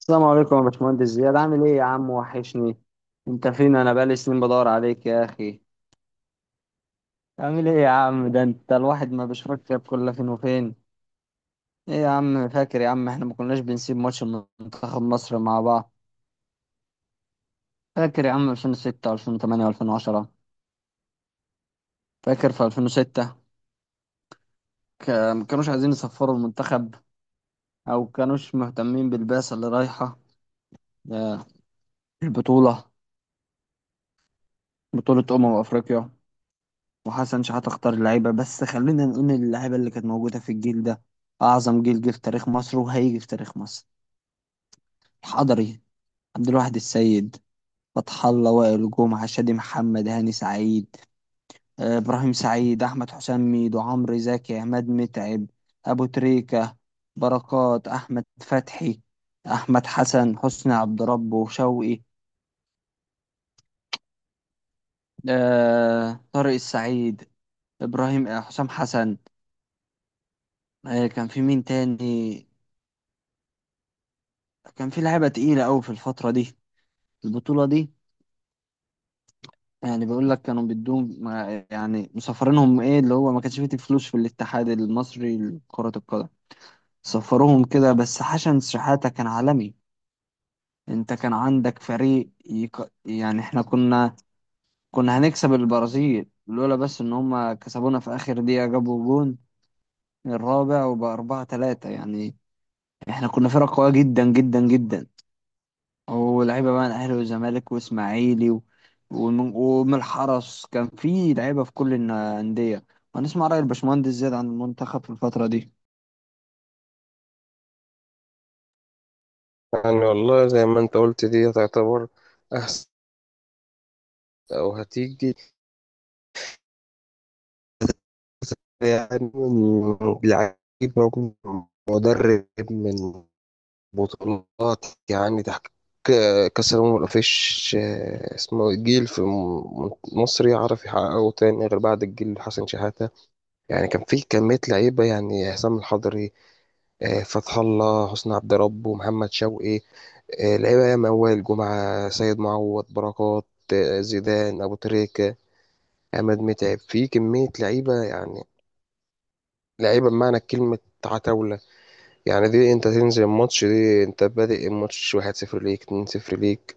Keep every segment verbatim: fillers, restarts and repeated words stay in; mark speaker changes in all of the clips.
Speaker 1: السلام عليكم يا باشمهندس زياد. عامل ايه يا عم؟ وحشني. انت فين؟ انا بقالي سنين بدور عليك يا اخي. عامل ايه يا عم؟ ده انت الواحد ما بيشوفك غير كل فين وفين. ايه يا عم؟ فاكر يا عم احنا ما كناش بنسيب ماتش منتخب مصر مع بعض؟ فاكر يا عم ألفين وستة و2008 و2010؟ فاكر في ألفين وستة ك- ما كانوش عايزين يصفروا المنتخب او كانوش مهتمين بالبعثة اللي رايحة. آه، البطولة، بطولة أمم أفريقيا. وحسن شحاتة اختار اللعيبة، بس خلينا نقول إن اللعيبة اللي كانت موجودة في الجيل ده أعظم جيل جه في تاريخ مصر وهيجي في تاريخ مصر. الحضري، عبد الواحد السيد، فتح الله، وائل جمعة، شادي محمد، هاني سعيد، آه، إبراهيم سعيد، أحمد حسام، ميدو، عمرو زكي، عماد متعب، أبو تريكة، بركات، أحمد فتحي، أحمد حسن، حسني عبد ربه، شوقي، آه، طارق السعيد، إبراهيم، آه، حسام حسن. آه، كان في مين تاني؟ كان في لعيبة تقيلة أوي في الفترة دي، البطولة دي. يعني بيقول لك كانوا بدهم مع- يعني مسافرينهم، إيه اللي هو، ما كانش فيه فلوس في الاتحاد المصري لكرة القدم، سفروهم كده، بس حسن شحاتة كان عالمي. أنت كان عندك فريق يك... يعني إحنا كنا، كنا هنكسب البرازيل لولا بس إن هما كسبونا في آخر دقيقة، جابوا جون الرابع، وبأربعة تلاتة يعني. إحنا كنا فرقة قوية جدا جدا جدا، ولعيبه بقى من الاهلي والزمالك واسماعيلي و- ومن ومن الحرس، كان في لعيبه في كل الن- الانديه. هنسمع راي الباشمهندس زياد عن المنتخب في الفتره دي.
Speaker 2: يعني والله زي ما انت قلت دي تعتبر احسن او هتيجي. يعني من لعيب موجود، من مدرب، من بطولات، يعني تحقيق كأس الأمم مفيش آه، اسمه إيه، جيل في م- مصر يعرف يحققه تاني غير بعد الجيل حسن شحاتة. يعني كان في كمية لعيبة، يعني حسام الحضري، آه، فتح الله، حسني عبد ربه، محمد شوقي، آه، لعيبه يا موال، جمعه، سيد معوض، بركات، آه، زيدان، ابو تريكه، عماد متعب. في كميه لعيبه يعني، لعيبه بمعنى كلمه، عتاوله. يعني دي انت تنزل الماتش، دي انت بادئ الماتش واحد صفر ليك، اتنين صفر ليك.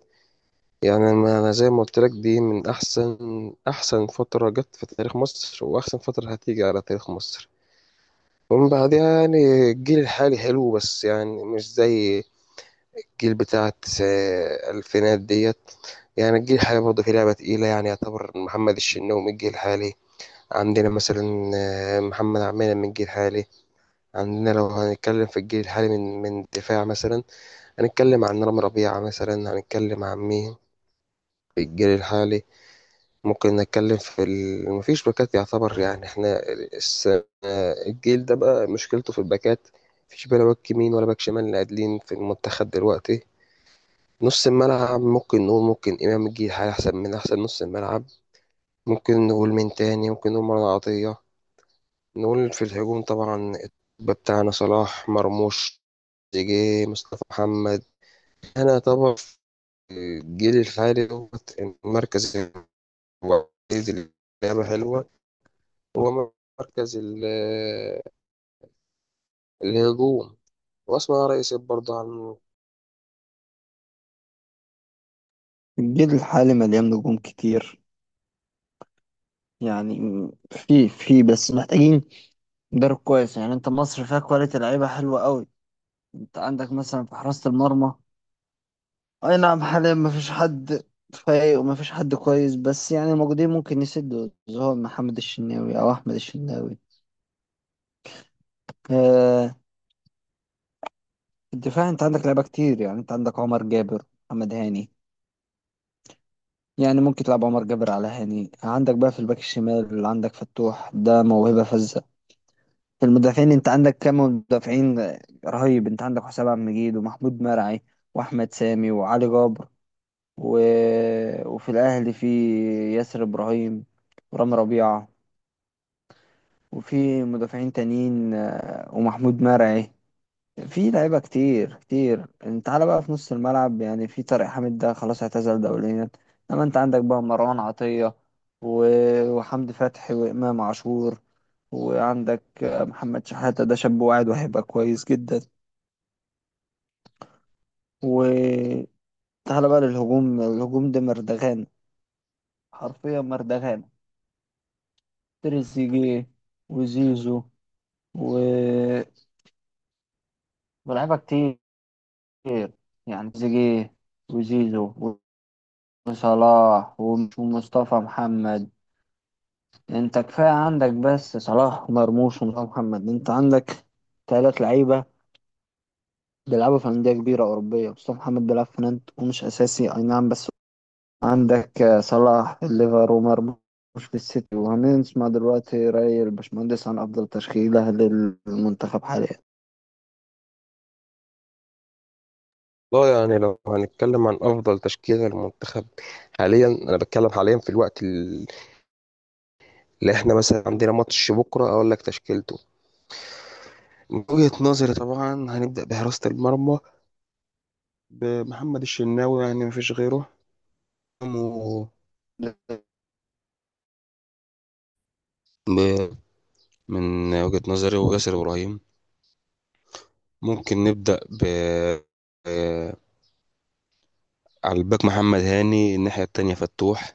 Speaker 2: يعني ما انا زي ما قلت لك، دي من احسن احسن فتره جت في تاريخ مصر، واحسن فتره هتيجي على تاريخ مصر. ومن بعدها يعني الجيل الحالي حلو بس يعني مش زي الجيل بتاع التسع- الألفينات ديت. يعني الجيل الحالي برضه فيه لعبة تقيلة، يعني يعتبر محمد الشناوي من الجيل الحالي عندنا، مثلا آه، محمد عمينة من الجيل الحالي عندنا. لو هنتكلم في الجيل الحالي من من الدفاع، مثلا هنتكلم عن رامي ربيعة، مثلا هنتكلم عن مين في الجيل الحالي؟ ممكن نتكلم في ال... مفيش باكات يعتبر. يعني احنا الس- آه، الجيل ده بقى مشكلته في الباكات، مفيش بلا باك يمين ولا باك شمال اللي قادلين في المنتخب دلوقتي. نص الملعب ممكن نقول، ممكن إمام يجي هيحسب من أحسن نص الملعب، ممكن نقول من تاني، ممكن نقول مرة عطية. نقول في الهجوم طبعا الطب بتاعنا صلاح، مرموش، تريزيجيه، مصطفى محمد. أنا طبعا في الجيل الحالي دوت المركز الوحيد اللي لعبة حلوة هو مركز ال- الهجوم. وأسمع رئيس برضه عن،
Speaker 1: الجيل الحالي مليان نجوم كتير يعني، في في بس محتاجين مدرب كويس. يعني انت مصر فيها كواليتي لعيبه حلوه قوي. انت عندك مثلا في حراسه المرمى، اي نعم حاليا ما فيش حد فايق وما فيش حد كويس، بس يعني الموجودين ممكن يسدوا، زي هو محمد الشناوي او احمد الشناوي. آه، في الدفاع انت عندك لعيبه كتير، يعني انت عندك عمر جابر، محمد هاني، يعني ممكن تلعب عمر جابر على هاني. عندك بقى في الباك الشمال اللي عندك فتوح، ده موهبه فذة. في المدافعين انت عندك كام مدافعين رهيب، انت عندك حسام عبد المجيد، ومحمود مرعي، واحمد سامي، وعلي جابر، و... وفي الاهلي في ياسر ابراهيم، ورامي ربيعه، وفي مدافعين تانيين، آه، ومحمود مرعي. في لعيبة كتير كتير. انت تعالى بقى في نص الملعب، يعني في طارق حامد ده خلاص اعتزل دوليا، انما انت عندك بقى مروان عطية، و- وحمدي فتحي، وإمام عاشور، وعندك محمد شحاتة ده شاب واعد وهيبقى كويس جدا. وتعالى بقى للهجوم، الهجوم ده مردغان، حرفيا مردغان. تريزيجيه، وزيزو، و... ولاعيبة كتير، يعني تريزيجيه، وزيزو، صلاح، ومش- ومصطفى محمد. انت كفاية عندك بس صلاح ومرموش ومصطفى محمد، انت عندك تلات لعيبة بيلعبوا في أندية كبيرة أوروبية. مصطفى محمد بيلعب في نانت ومش أساسي أي نعم، بس عندك آه، صلاح في الليفر، ومرموش في السيتي. وهنسمع دلوقتي رأي الباشمهندس عن أفضل تشكيلة للمنتخب حاليا.
Speaker 2: لا يعني لو هنتكلم عن أفضل تشكيلة للمنتخب حاليا، أنا بتكلم حاليا في الوقت. لا احنا مثلا عندنا ماتش بكره، اقول لك تشكيلته من وجهة نظري طبعا. هنبدأ بحراسة المرمى بمحمد الشناوي، يعني مفيش غيره. و- ب- من وجهة نظري وياسر إبراهيم. ممكن نبدأ ب آه، على الباك محمد هاني، الناحية التانية فتوح.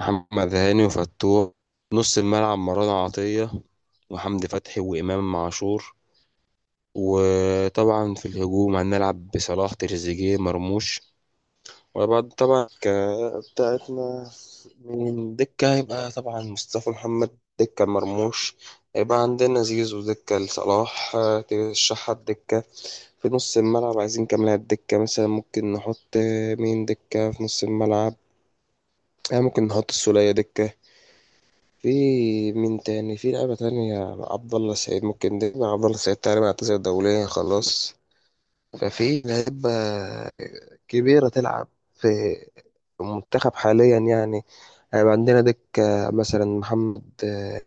Speaker 2: محمد هاني وفتوح. نص الملعب مروان عطية وحمدي فتحي وإمام عاشور. وطبعا في الهجوم هنلعب بصلاح، تريزيجيه، مرموش. وبعد طبعا ك- بتاعتنا من دكة هيبقى طبعا مصطفى محمد، دكة مرموش هيبقى عندنا زيزو، دكة لصلاح آه، ترشحها الدكة. في نص الملعب عايزين كام لاعب دكة؟ مثلا ممكن نحط آه، مين دكة في نص الملعب؟ آه، ممكن نحط السولية دكة. في مين تاني في لعبة تانية؟ عبد الله سعيد ممكن، دكة عبد الله سعيد تقريبا اعتزل دوليا خلاص. ففي لعيبة كبيرة تلعب في المنتخب حاليا يعني. هيبقى عندنا دكة مثلا محمد آه،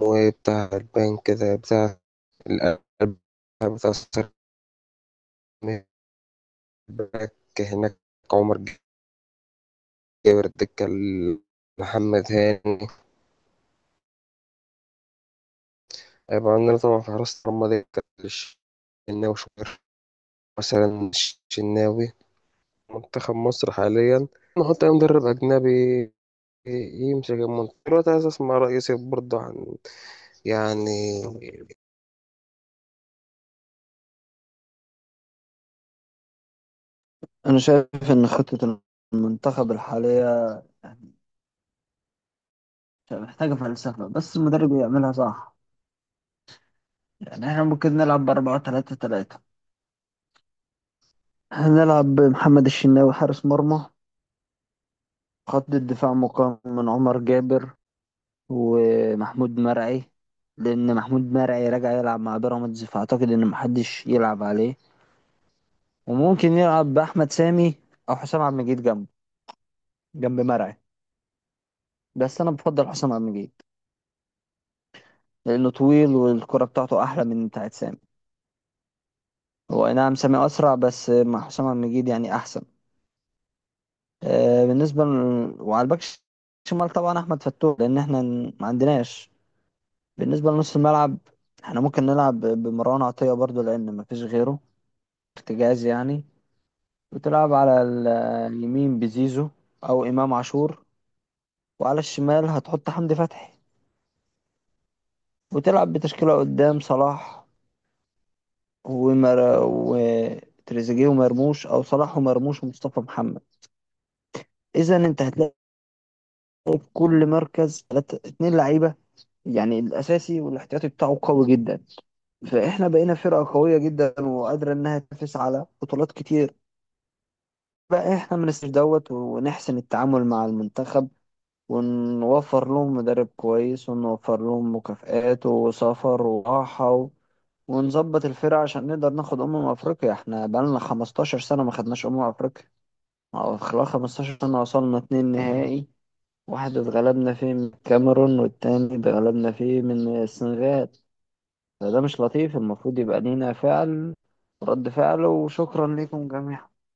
Speaker 2: مويه بتاع البنك كده، بتاع القلب، بتاع السر- باك هناك. عمر جابر الدكة ال- محمد هاني. هيبقى عندنا طبعا في حراسة المرمى دكة الشناوي، شوبير مثلا، الشناوي. منتخب مصر حاليا نحط أي مدرب أجنبي يمسك المنتخب دلوقتي، عايز اسمع رأيك برضه عن يعني.
Speaker 1: أنا شايف إن خطة المنتخب الحالية يعني محتاجة فلسفة، بس المدرب يعملها صح. يعني احنا ممكن نلعب بأربعة تلاتة تلاتة. هنلعب بمحمد الشناوي حارس مرمى. خط الدفاع مقام من عمر جابر ومحمود مرعي، لأن محمود مرعي راجع يلعب مع بيراميدز، فأعتقد إن محدش يلعب عليه، وممكن يلعب بأحمد سامي أو حسام عبد المجيد جنبه، جنب مرعي. بس أنا بفضل حسام عبد المجيد لأنه طويل والكرة بتاعته أحلى من بتاعت سامي. هو أي نعم سامي أسرع، بس مع حسام عبد المجيد يعني أحسن. آه، بالنسبة ل... وعلى الباك شمال طبعا أحمد فتوح، لأن احنا ن- ما عندناش. بالنسبة لنص الملعب، احنا ممكن نلعب ب- بمروان عطية برضو، لأن ما فيش غيره ارتجاز يعني. وتلعب على ال- اليمين بزيزو أو إمام عاشور، وعلى الشمال هتحط حمدي فتحي. وتلعب بتشكيلة قدام صلاح ومر... وتريزيجيه ومرموش، أو صلاح ومرموش ومصطفى محمد. إذا أنت هتلاقي في كل مركز تلاتة- اتنين لعيبة، يعني الاساسي والاحتياطي بتاعه قوي جدا. فاحنا بقينا فرقه قويه جدا وقادره انها تنافس على بطولات كتير. بقى احنا ما ننساش دوت، ونحسن التعامل مع المنتخب، ونوفر لهم مدرب كويس، ونوفر لهم مكافآت وسفر وراحه، و... ونظبط الفرقه عشان نقدر ناخد امم افريقيا. احنا بقالنا خمستاشر سنة سنه ما خدناش امم افريقيا، أو خلال خمسة عشر سنة سنه وصلنا اتنين نهائي، واحد اتغلبنا فيه من الكاميرون، والتاني اتغلبنا فيه من السنغال. ده, ده مش لطيف، المفروض يبقى لينا فعل، رد فعل. وشكرا لكم جميعا.